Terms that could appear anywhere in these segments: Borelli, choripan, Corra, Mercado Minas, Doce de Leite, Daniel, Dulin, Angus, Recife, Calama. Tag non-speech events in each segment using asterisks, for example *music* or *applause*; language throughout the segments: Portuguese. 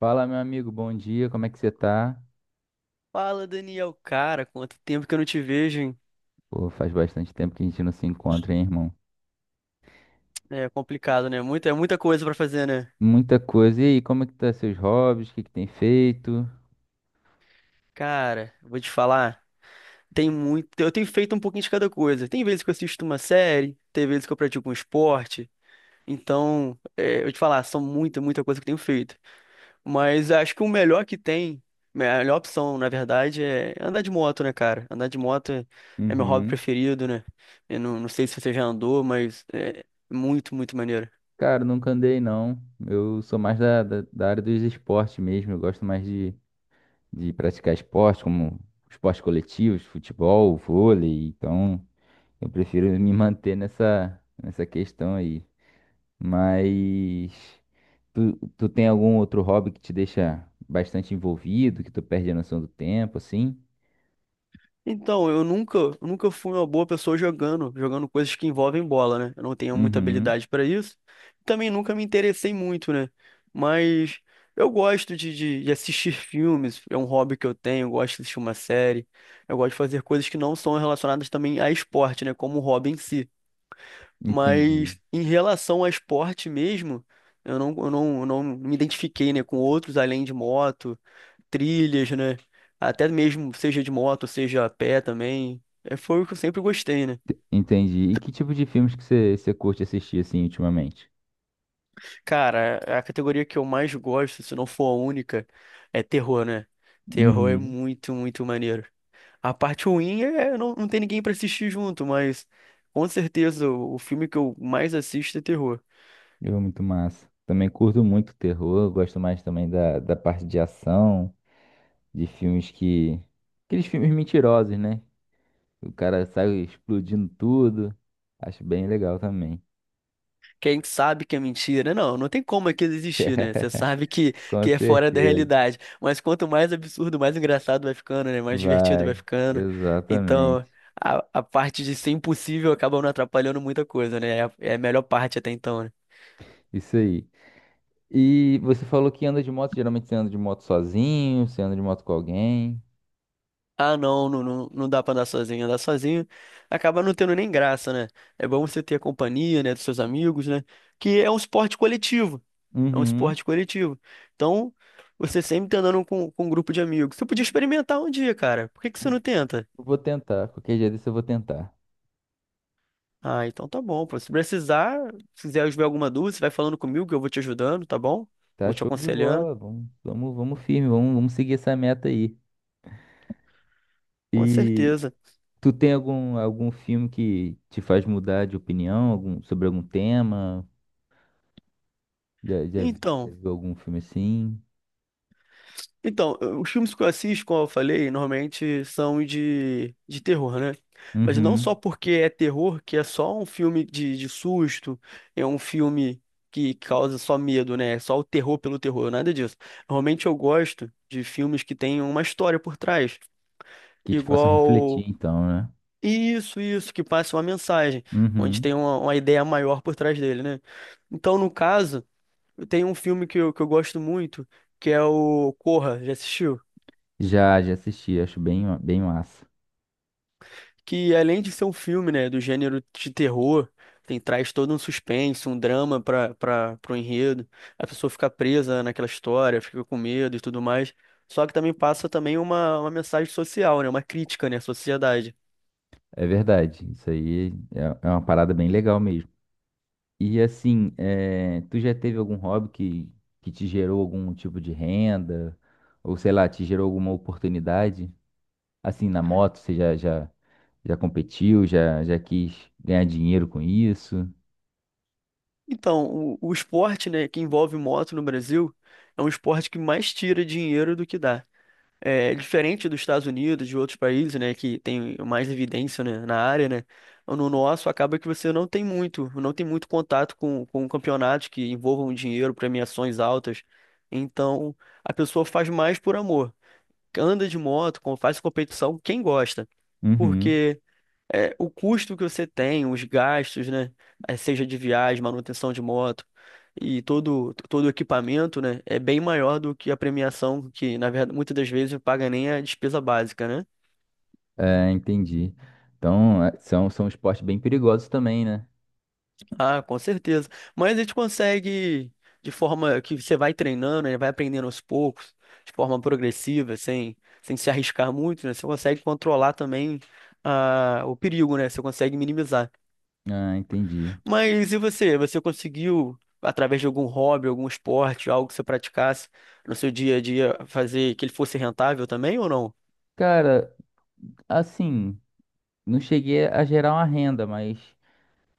Fala, meu amigo, bom dia, como é que você tá? Fala, Daniel. Cara, quanto tempo que eu não te vejo, hein? Pô, faz bastante tempo que a gente não se encontra, hein, irmão? É complicado, né? É muita coisa pra fazer, né? Muita coisa. E aí, como é que tá seus hobbies? O que que tem feito? Cara, vou te falar. Tem muito. Eu tenho feito um pouquinho de cada coisa. Tem vezes que eu assisto uma série, tem vezes que eu pratico um esporte. Então, é, eu vou te falar, são muita coisa que eu tenho feito. Mas acho que o melhor que tem, a melhor opção, na verdade, é andar de moto, né, cara? Andar de moto é, é meu hobby Uhum. preferido, né? Eu não sei se você já andou, mas é muito maneiro. Cara, nunca andei, não. Eu sou mais da área dos esportes mesmo. Eu gosto mais de praticar esporte, como esportes coletivos, futebol, vôlei. Então, eu prefiro me *laughs* manter nessa questão aí. Mas tu tem algum outro hobby que te deixa bastante envolvido, que tu perde a noção do tempo, assim? Então, eu nunca fui uma boa pessoa jogando coisas que envolvem bola, né? Eu não tenho muita Uhum, habilidade para isso. Também nunca me interessei muito, né? Mas eu gosto de assistir *laughs* filmes, é um hobby que eu tenho, eu gosto de assistir uma série. Eu gosto de fazer coisas que não são relacionadas também a esporte, né? Como o hobby em si. entendi. Mas em relação a esporte mesmo, eu não me identifiquei, né, com outros além de moto, trilhas, né? Até mesmo, seja de moto, seja a pé também. É, foi o que eu sempre gostei, né? Entendi. E que tipo de filmes que você curte assistir, assim, ultimamente? Cara, a categoria que eu mais gosto, se não for a única, é terror, né? Terror é Uhum. Muito maneiro. A parte ruim é, não ter ninguém pra assistir junto, mas com certeza o filme que eu mais assisto é terror. Eu muito massa. Também curto muito terror, gosto mais também da parte de ação, de filmes. Aqueles filmes mentirosos, né? O cara sai explodindo tudo. Acho bem legal também. Quem sabe que é mentira? Não tem como aquilo existir, né? Você sabe *laughs* Com que é fora da certeza. realidade. Mas quanto mais absurdo, mais engraçado vai ficando, né? Mais divertido vai Vai, ficando. Então, exatamente. A parte de ser impossível acaba não atrapalhando muita coisa, né? É a melhor parte até então, né? Isso aí. E você falou que anda de moto, geralmente você anda de moto sozinho, você anda de moto com alguém. Ah, não, não, não, não dá pra andar sozinho. Andar sozinho acaba não tendo nem graça, né? É bom você ter a companhia, né, dos seus amigos, né? Que é um esporte coletivo. É um Uhum. esporte coletivo. Então, você sempre tá andando com um grupo de amigos. Você podia experimentar um dia, cara. Por que que você não tenta? Eu vou tentar, qualquer dia desse eu vou tentar. Ah, então tá bom, pô. Se precisar, se quiser ver alguma dúvida, você vai falando comigo que eu vou te ajudando, tá bom? Tá Vou te show de aconselhando. bola, vamos, vamos, vamos firme, vamos, vamos seguir essa meta aí. Com E certeza. tu tem algum filme que te faz mudar de opinião, sobre algum tema? Já, já, já Então. viu algum filme assim? Então, os filmes que eu assisto, como eu falei, normalmente são de terror, né? Mas não Uhum. só porque é terror, que é só um filme de susto, é um filme que causa só medo, né? É só o terror pelo terror, nada disso. Normalmente eu gosto de filmes que têm uma história por trás, Que te façam refletir, igual então, né? isso, isso, que passa uma mensagem, onde Uhum. tem uma ideia maior por trás dele, né? Então, no caso, tem um filme que eu gosto muito, que é o Corra, já assistiu? Já assisti, acho bem, bem massa. Que além de ser um filme, né, do gênero de terror, tem traz todo um suspense, um drama para para pro enredo. A pessoa fica presa naquela história, fica com medo e tudo mais. Só que também passa também uma mensagem social, né, uma crítica, né, à sociedade. É verdade, isso aí é é uma parada bem legal mesmo. E assim, tu já teve algum hobby que te gerou algum tipo de renda? Ou sei lá, te gerou alguma oportunidade? Assim, na moto, você já competiu, já quis ganhar dinheiro com isso? Então, o esporte, né, que envolve moto no Brasil, é um esporte que mais tira dinheiro do que dá. É, diferente dos Estados Unidos, de outros países, né, que tem mais evidência, né, na área, né, no nosso acaba que você não tem muito, não tem muito contato com campeonatos que envolvam dinheiro, premiações altas. Então, a pessoa faz mais por amor. Anda de moto, faz competição, quem gosta. Uhum. Porque é, o custo que você tem, os gastos, né? Seja de viagem, manutenção de moto e todo o equipamento, né? É bem maior do que a premiação, que na verdade muitas das vezes não paga nem a despesa básica, né? É, entendi. Então, são, são esportes bem perigosos também, né? Ah, com certeza. Mas a gente consegue, de forma que você vai treinando, né? Vai aprendendo aos poucos, de forma progressiva, sem, sem se arriscar muito, né? Você consegue controlar também o perigo, né? Você consegue minimizar. Ah, entendi. Mas e você? Você conseguiu, através de algum hobby, algum esporte, algo que você praticasse no seu dia a dia, fazer que ele fosse rentável também ou não? Cara, assim, não cheguei a gerar uma renda, mas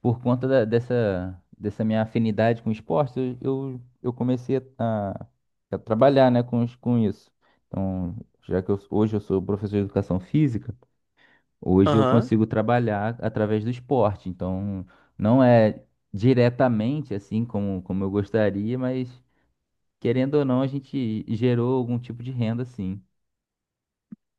por conta dessa, dessa minha afinidade com esporte, eu comecei a trabalhar, né, com, com isso. Então, já que hoje eu sou professor de educação física, hoje eu Aham. consigo trabalhar através do esporte. Então, não é diretamente assim como, como eu gostaria, mas querendo ou não, a gente gerou algum tipo de renda, sim.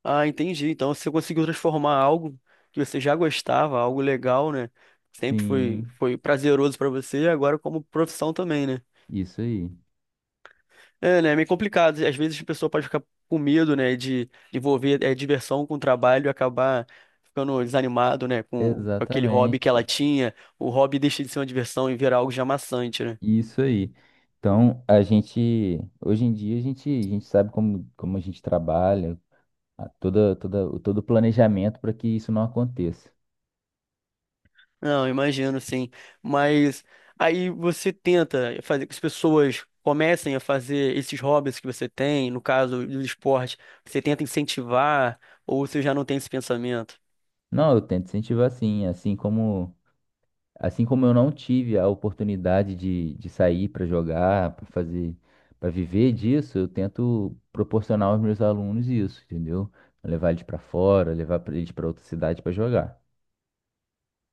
Ah, entendi. Então você conseguiu transformar algo que você já gostava, algo legal, né? Sempre foi, Sim, foi prazeroso pra você, agora como profissão também, né? isso aí. É, né? É meio complicado. Às vezes a pessoa pode ficar com medo, né, de envolver diversão com trabalho e acabar ficando desanimado, né, com aquele hobby que ela Exatamente. tinha. O hobby deixa de ser uma diversão e virar algo já maçante, né? Isso aí. Então, a gente, hoje em dia, a gente sabe como, como a gente trabalha, toda, todo o planejamento para que isso não aconteça. Não, imagino, sim. Mas aí você tenta fazer que as pessoas comecem a fazer esses hobbies que você tem, no caso do esporte, você tenta incentivar ou você já não tem esse pensamento? Não, eu tento incentivar sim, assim como eu não tive a oportunidade de sair para jogar, para fazer, para viver disso, eu tento proporcionar aos meus alunos isso, entendeu? Levar eles para fora, levar eles para outra cidade para jogar.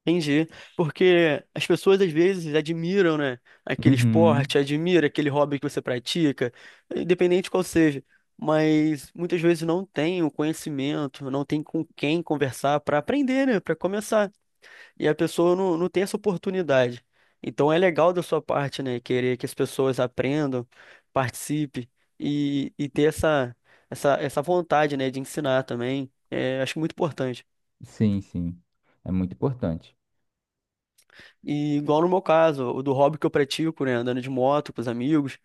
Entendi. Porque as pessoas às vezes admiram, né, aquele Uhum, esporte, admira aquele hobby que você pratica, independente qual seja, mas muitas vezes não tem o conhecimento, não tem com quem conversar para aprender, né, para começar. E a pessoa não tem essa oportunidade. Então é legal da sua parte, né, querer que as pessoas aprendam, participem e ter essa vontade, né, de ensinar também. É, acho muito importante. sim, sim. É muito importante. E igual no meu caso, o do hobby que eu pratico, né, andando de moto com os amigos,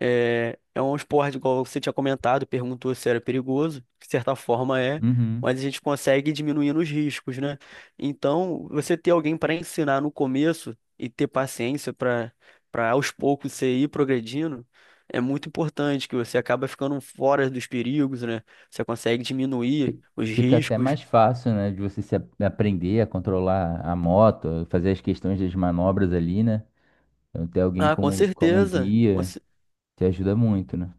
é, é um esporte, igual você tinha comentado, perguntou se era perigoso, de certa forma é, Uhum. mas a gente consegue diminuir os riscos, né? Então, você ter alguém para ensinar no começo e ter paciência para aos poucos você ir progredindo, é muito importante, que você acaba ficando fora dos perigos, né? Você consegue diminuir Fi- os Fica até riscos. mais fácil, né, de você se a- aprender a controlar a moto, fazer as questões das manobras ali, né? Então, ter alguém Ah, com como, como certeza. Guia te ajuda muito, né?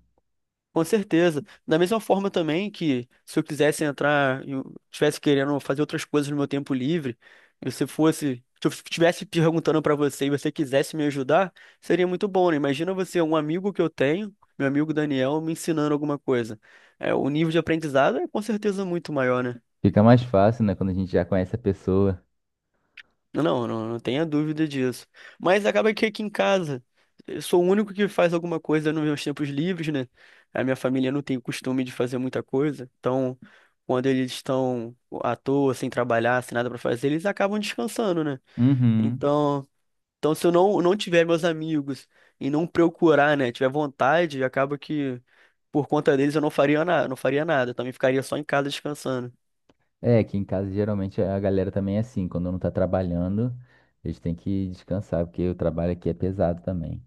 Com certeza. Da mesma forma também que se eu quisesse entrar, eu estivesse querendo fazer outras coisas no meu tempo livre, e você fosse, se eu estivesse perguntando para você e você quisesse me ajudar, seria muito bom, né? Imagina você, um amigo que eu tenho, meu amigo Daniel, me ensinando alguma coisa. É, o nível de aprendizado é com certeza muito maior, né? Fica mais fácil, né, quando a gente já conhece a pessoa. Não tenha dúvida disso. Mas acaba que aqui em casa, eu sou o único que faz alguma coisa nos meus tempos livres, né? A minha família não tem o costume de fazer muita coisa. Então, quando eles estão à toa, sem trabalhar, sem nada pra fazer, eles acabam descansando, né? Uhum. Então, então se eu não, não tiver meus amigos e não procurar, né, tiver vontade, acaba que por conta deles eu não faria nada, não faria nada. Eu também ficaria só em casa descansando. É, aqui em casa geralmente a galera também é assim, quando não tá trabalhando, eles têm que descansar, porque o trabalho aqui é pesado também.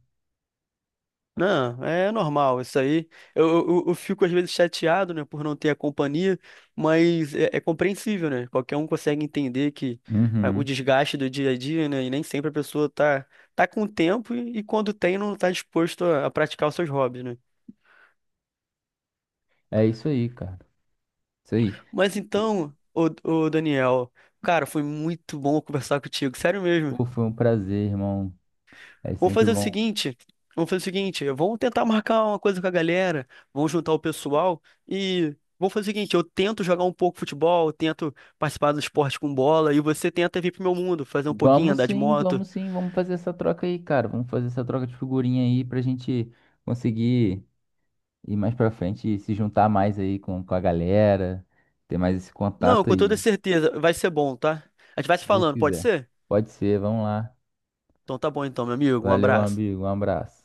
Não, é normal isso aí. Eu fico às vezes chateado, né, por não ter a companhia, mas é, é compreensível, né? Qualquer um consegue entender que o Uhum. desgaste do dia a dia, né, e nem sempre a pessoa tá com tempo e quando tem não tá disposto a praticar os seus hobbies, né? É isso aí, cara. Isso aí. Mas E, então, ô Daniel, cara, foi muito bom conversar contigo, sério mesmo. pô, foi um prazer, irmão. É Vamos sempre fazer o bom. seguinte, vamos fazer o seguinte, vamos tentar marcar uma coisa com a galera, vamos juntar o pessoal e vamos fazer o seguinte, eu tento jogar um pouco futebol, eu tento participar do esporte com bola e você tenta vir pro meu mundo, fazer um pouquinho, Vamos andar de sim, moto. vamos sim, vamos fazer essa troca aí, cara. Vamos fazer essa troca de figurinha aí pra gente conseguir ir mais pra frente e se juntar mais aí com a galera, ter mais esse Não, contato com aí, toda se certeza, vai ser bom, tá? A gente vai se Deus falando, pode quiser. ser? Pode ser, vamos lá. Então tá bom então, meu amigo, um Valeu, abraço. amigo, um abraço.